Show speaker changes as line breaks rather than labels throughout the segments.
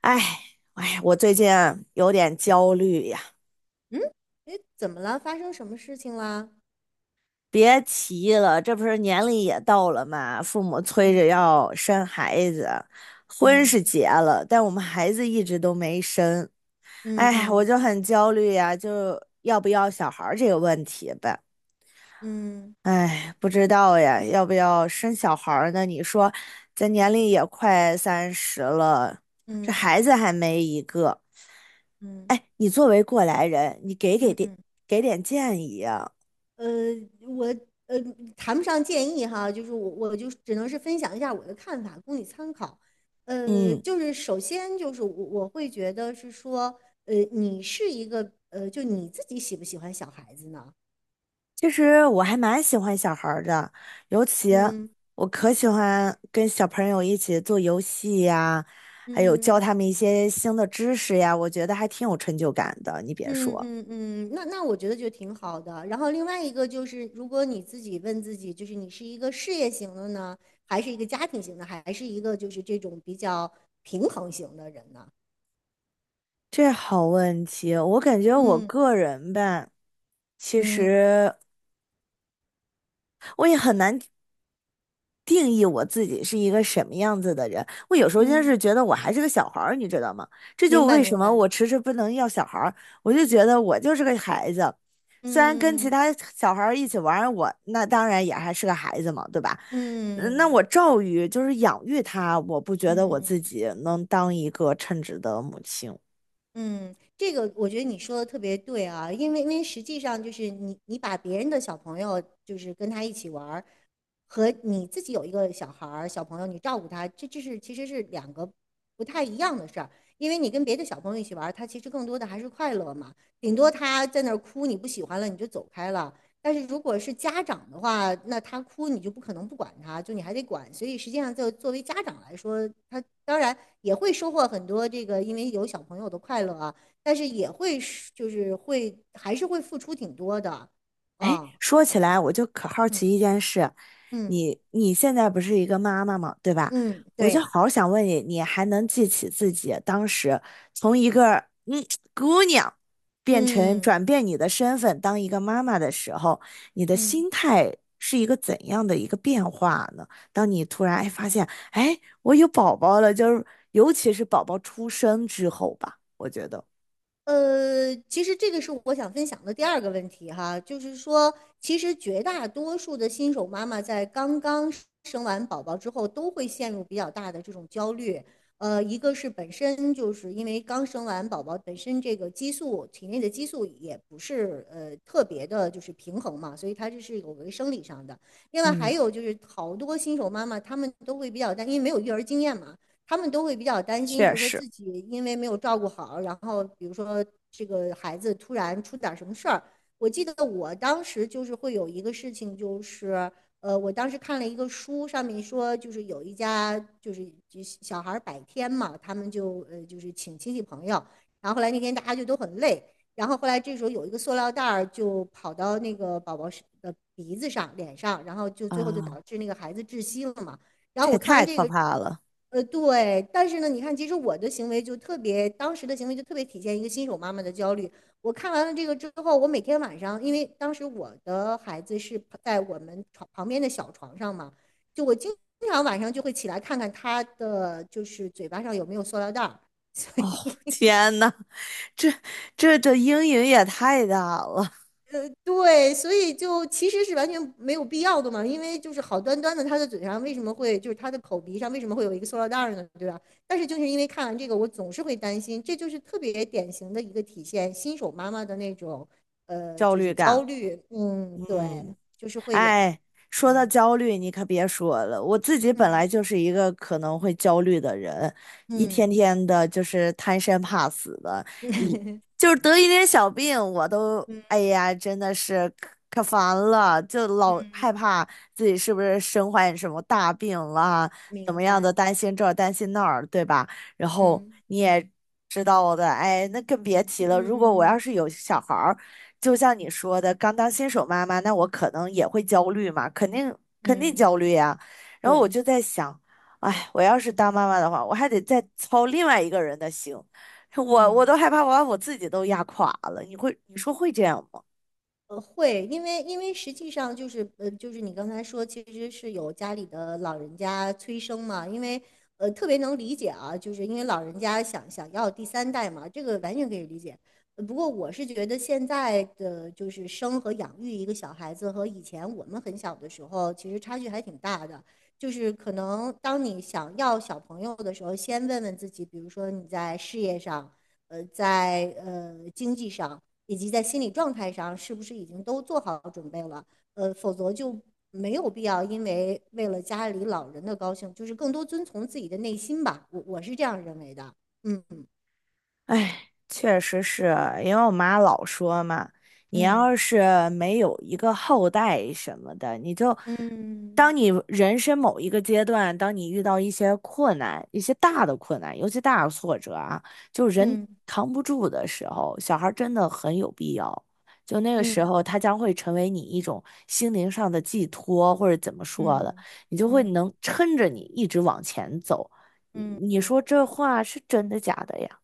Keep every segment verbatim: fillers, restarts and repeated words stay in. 哎，哎，我最近啊有点焦虑呀。
嗯，诶，怎么了？发生什么事情啦？
别提了，这不是年龄也到了嘛，父母催着要生孩子。婚是
嗯
结了，但我们孩子一直都没生。
嗯
哎，我
嗯
就很焦虑呀，就要不要小孩儿这个问题呗。
嗯
哎，不知道呀，要不要生小孩儿呢？你说，咱年龄也快三十了，这
嗯
孩子还没一个。
嗯
哎，你作为过来人，你给给
嗯嗯
点
嗯。
给点建议啊。
呃，我呃谈不上建议哈，就是我我就只能是分享一下我的看法，供你参考。呃，
嗯，
就是首先就是我我会觉得是说，呃，你是一个呃，就你自己喜不喜欢小孩子呢？
其实我还蛮喜欢小孩儿的，尤其
嗯
我可喜欢跟小朋友一起做游戏呀，还有
嗯。
教他们一些新的知识呀，我觉得还挺有成就感的。你别
嗯
说，
嗯嗯，那那我觉得就挺好的。然后另外一个就是，如果你自己问自己，就是你是一个事业型的呢，还是一个家庭型的，还是一个就是这种比较平衡型的人呢？
这好问题，我感觉我
嗯
个人吧，其
嗯
实我也很难定义我自己是一个什么样子的人。我有时候真
嗯，嗯
是觉得我还是个小孩儿，你知道吗？这就
明白
为什
明
么
白。
我迟迟不能要小孩儿，我就觉得我就是个孩子。虽然跟其
嗯
他小孩儿一起玩儿我那当然也还是个孩子嘛，对吧？
嗯
嗯，那我
嗯。
教育就是养育他，我不觉得我自
嗯
己能当一个称职的母亲。
嗯，这个我觉得你说的特别对啊，因为因为实际上就是你你把别人的小朋友就是跟他一起玩儿，和你自己有一个小孩儿小朋友你照顾他，这这是其实是两个不太一样的事儿，因为你跟别的小朋友一起玩儿，他其实更多的还是快乐嘛，顶多他在那儿哭，你不喜欢了你就走开了，但是如果是家长的话，那他哭你就不可能不管他，就你还得管。所以实际上，就作为家长来说，他当然也会收获很多这个，因为有小朋友的快乐啊，但是也会是就是会还是会付出挺多的
哎，
啊，
说起来，我就可好奇一
嗯
件事，
嗯
你你现在不是一个妈妈嘛，对吧？
嗯，
我就
对，
好想问你，你还能记起自己当时从一个嗯姑娘变成
嗯
转变你的身份当一个妈妈的时候，你的
嗯。
心态是一个怎样的一个变化呢？当你突然哎发现，哎，我有宝宝了，就是尤其是宝宝出生之后吧，我觉得。
呃，其实这个是我想分享的第二个问题哈，就是说，其实绝大多数的新手妈妈在刚刚生完宝宝之后，都会陷入比较大的这种焦虑。呃，一个是本身就是因为刚生完宝宝，本身这个激素体内的激素也不是呃特别的，就是平衡嘛，所以它这是有个生理上的。另外还
嗯，
有就是好多新手妈妈她们都会比较担心，因为没有育儿经验嘛，他们都会比较担心，
确
就是说
实
自己因为没有照顾好，然后比如说这个孩子突然出点什么事儿。我记得我当时就是会有一个事情，就是呃，我当时看了一个书，上面说就是有一家就是就小孩百天嘛，他们就呃就是请亲戚朋友，然后后来那天大家就都很累，然后后来这时候有一个塑料袋儿就跑到那个宝宝的鼻子上、脸上，然后就最后就
啊，
导致那个孩子窒息了嘛。然
这
后我
也
看完
太
这
可
个
怕了！
呃，对，但是呢，你看，其实我的行为就特别，当时的行为就特别体现一个新手妈妈的焦虑。我看完了这个之后，我每天晚上，因为当时我的孩子是在我们床旁边的小床上嘛，就我经常晚上就会起来看看他的就是嘴巴上有没有塑料袋儿，
天呐，这这这阴影也太大了。
对，所以就其实是完全没有必要的嘛，因为就是好端端的他的嘴上为什么会就是他的口鼻上为什么会有一个塑料袋儿呢，对吧？但是就是因为看完这个，我总是会担心，这就是特别典型的一个体现新手妈妈的那种呃
焦
就是
虑
焦
感。
虑，嗯，对，
嗯，
就是会有，
哎，说到
嗯
焦虑，你可别说了，我自己本来
嗯
就是一个可能会焦虑的人，一
嗯
天天的就是贪生怕死的，就是得一点小病，我都
嗯
哎呀，真的是可可烦了，就老害
嗯，
怕自己是不是身患什么大病了，怎
明
么样
白，
的，担心这儿担心那儿，对吧？然后
嗯
你也知道的，哎，那更别提了。如果我
嗯
要是有小孩儿，就像你说的，刚当新手妈妈，那我可能也会焦虑嘛，肯定肯定焦虑
嗯，
呀。然后我
对，
就在想，哎，我要是当妈妈的话，我还得再操另外一个人的心。我我
嗯。
都害怕我把我自己都压垮了。你会你说会这样吗？
呃，会，因为因为实际上就是呃，就是你刚才说，其实是有家里的老人家催生嘛，因为呃特别能理解啊，就是因为老人家想想要第三代嘛，这个完全可以理解。呃不过我是觉得现在的就是生和养育一个小孩子和以前我们很小的时候其实差距还挺大的，就是可能当你想要小朋友的时候，先问问自己，比如说你在事业上，呃，在呃经济上。以及在心理状态上是不是已经都做好准备了。呃，否则就没有必要因为为了家里老人的高兴，就是更多遵从自己的内心吧。我我是这样认为的。嗯
哎，确实是因为我妈老说嘛，你
嗯
要是没有一个后代什么的，你就当
嗯
你人生某一个阶段，当你遇到一些困难、一些大的困难，尤其大的挫折啊，就人
嗯
扛不住的时候，小孩儿真的很有必要。就那个时
嗯
候，他将会成为你一种心灵上的寄托，或者怎么说的，
嗯
你就会
嗯嗯
能撑着你一直往前走。你
嗯
你
嗯。
说这话是真的假的呀？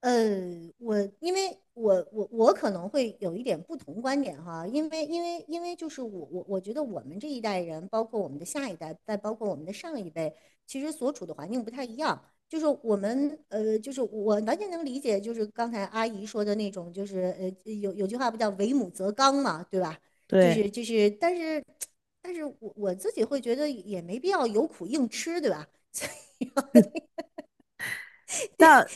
呃，我因为我我我可能会有一点不同观点哈，因为因为因为就是我我我觉得我们这一代人，包括我们的下一代，再包括我们的上一辈，其实所处的环境不太一样。就是我们呃，就是我完全能理解，就是刚才阿姨说的那种，就是呃，有有句话不叫"为母则刚"嘛，对吧？就
对。
是就是，但是但是我我自己会觉得也没必要有苦硬吃，对吧？
但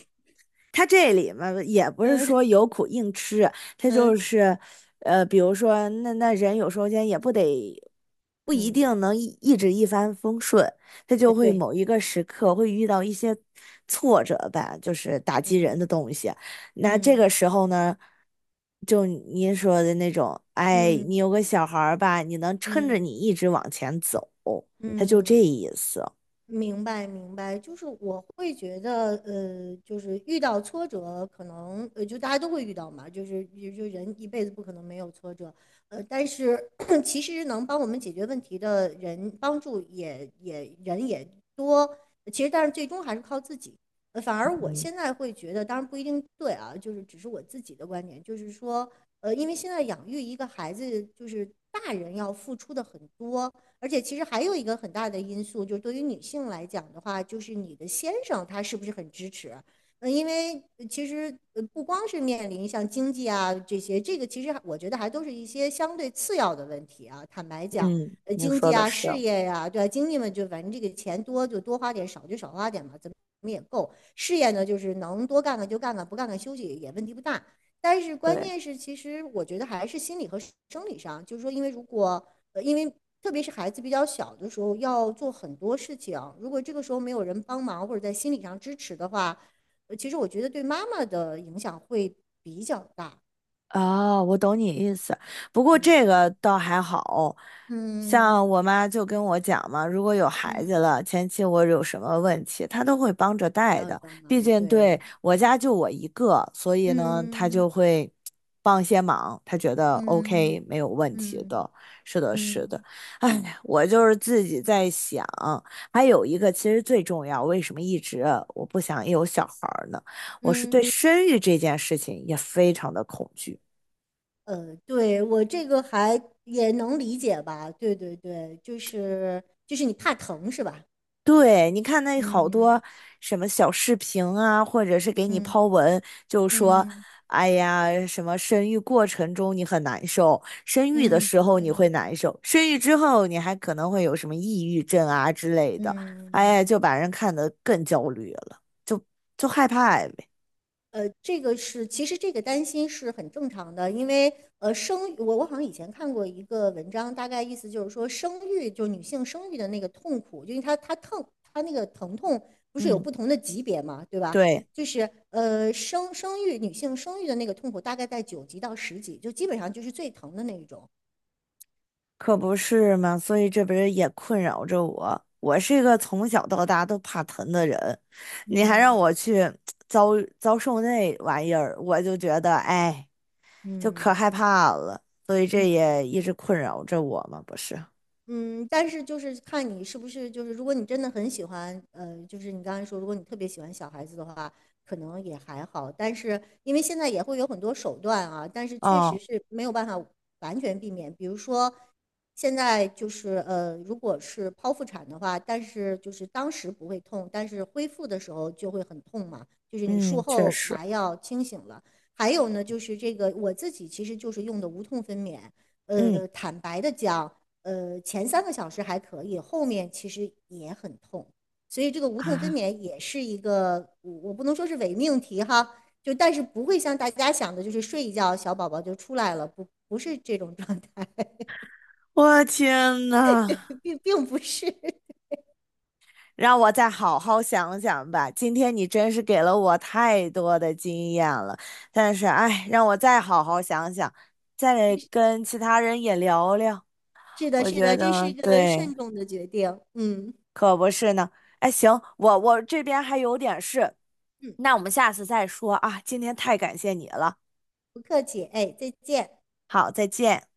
他这里嘛，也不是说
嗯
有苦硬吃，他就
嗯
是，呃，比如说那那人有时候间也不得，不一
嗯，
定能一一直一帆风顺，他
呃，
就会
对，
某一个时刻会遇到一些挫折吧，就是打击人的
嗯。
东西。那这个
嗯
时候呢，就您说的那种，哎，你
嗯
有个小孩儿吧，你能撑着
嗯
你一直往前走，他就这
嗯，
意思。
明白，明白，就是我会觉得，呃，就是遇到挫折，可能呃，就大家都会遇到嘛，就是就就人一辈子不可能没有挫折，呃，但是 其实能帮我们解决问题的人，帮助也也人也多，其实但是最终还是靠自己。呃，反而我
嗯
现在会觉得，当然不一定对啊，就是只是我自己的观点，就是说，呃，因为现在养育一个孩子，就是大人要付出的很多。而且其实还有一个很大的因素，就是对于女性来讲的话，就是你的先生他是不是很支持？嗯，因为呃其实呃不光是面临像经济啊这些，这个其实我觉得还都是一些相对次要的问题啊。坦白讲，
嗯，
呃，
你
经
说
济
的
啊、
是，
事业呀、对吧、经济嘛，就反正这个钱多就多花点，少就少花点嘛，怎么也够。事业呢，就是能多干干就干干，不干干休息也问题不大。但是关
对。
键是，其实我觉得还是心理和生理上，就是说，因为如果呃，因为特别是孩子比较小的时候，要做很多事情，如果这个时候没有人帮忙或者在心理上支持的话，呃，其实我觉得对妈妈的影响会比较大。
啊，我懂你意思，不过
嗯
这个倒还好，
嗯
像我妈就跟我讲嘛，如果有孩子
嗯，
了，前期我有什么问题，她都会帮着带
还有
的，
帮
毕
忙，
竟对
对，
我家就我一个，所以呢，她
嗯
就会帮些忙，她觉得
嗯
OK 没有问题
嗯
的，是的，是的。
嗯
哎，我就是自己在想，还有一个其实最重要，为什么一直我不想有小孩儿呢？我是对
嗯，
生育这件事情也非常的恐惧。
呃，对，我这个还也能理解吧？对对对，就是就是你怕疼是吧？
对，你看那好
嗯
多什么小视频啊，或者是给你
嗯
抛文，就说，
嗯嗯
哎呀，什么生育过程中你很难受，生育的
嗯。
时候你会
嗯
难受，生育之后你还可能会有什么抑郁症啊之类的，哎
嗯，
呀，就把人看得更焦虑了，就就害怕呗。
呃，这个是，其实这个担心是很正常的，因为呃，生育我我好像以前看过一个文章，大概意思就是说，生育就是女性生育的那个痛苦，就因为她她疼，她那个疼痛不是有
嗯，
不同的级别嘛，对吧？
对。
就是呃，生生育女性生育的那个痛苦大概在九级到十级，就基本上就是最疼的那一种。
可不是嘛，所以这不是也困扰着我。我是一个从小到大都怕疼的人，你还让
嗯
我去遭遭受那玩意儿，我就觉得哎，就可
嗯
害怕了。所以这
嗯。
也一直困扰着我嘛，不是？
嗯，但是就是看你是不是就是，如果你真的很喜欢，呃，就是你刚才说，如果你特别喜欢小孩子的话，可能也还好。但是因为现在也会有很多手段啊，但是确实
哦，
是没有办法完全避免。比如说，现在就是呃，如果是剖腹产的话，但是就是当时不会痛，但是恢复的时候就会很痛嘛，就是你术
嗯，确
后
实，
麻药清醒了。还有呢，就是这个我自己其实就是用的无痛分娩。
嗯，
呃，坦白的讲。呃，前三个小时还可以，后面其实也很痛，所以这个无痛分
啊，
娩也是一个，我我不能说是伪命题哈，就但是不会像大家想的，就是睡一觉小宝宝就出来了，不不是这种状态，
我天呐！
并并不是，
让我再好好想想吧。今天你真是给了我太多的经验了，但是哎，让我再好好想想，再跟其他人也聊聊。
是的，
我
是
觉
的，这是
得
一个
对，
慎重的决定，嗯
可不是呢。哎，行，我我这边还有点事，
嗯，
那我们下次再说啊。今天太感谢你了，
不客气，哎，再见。
好，再见。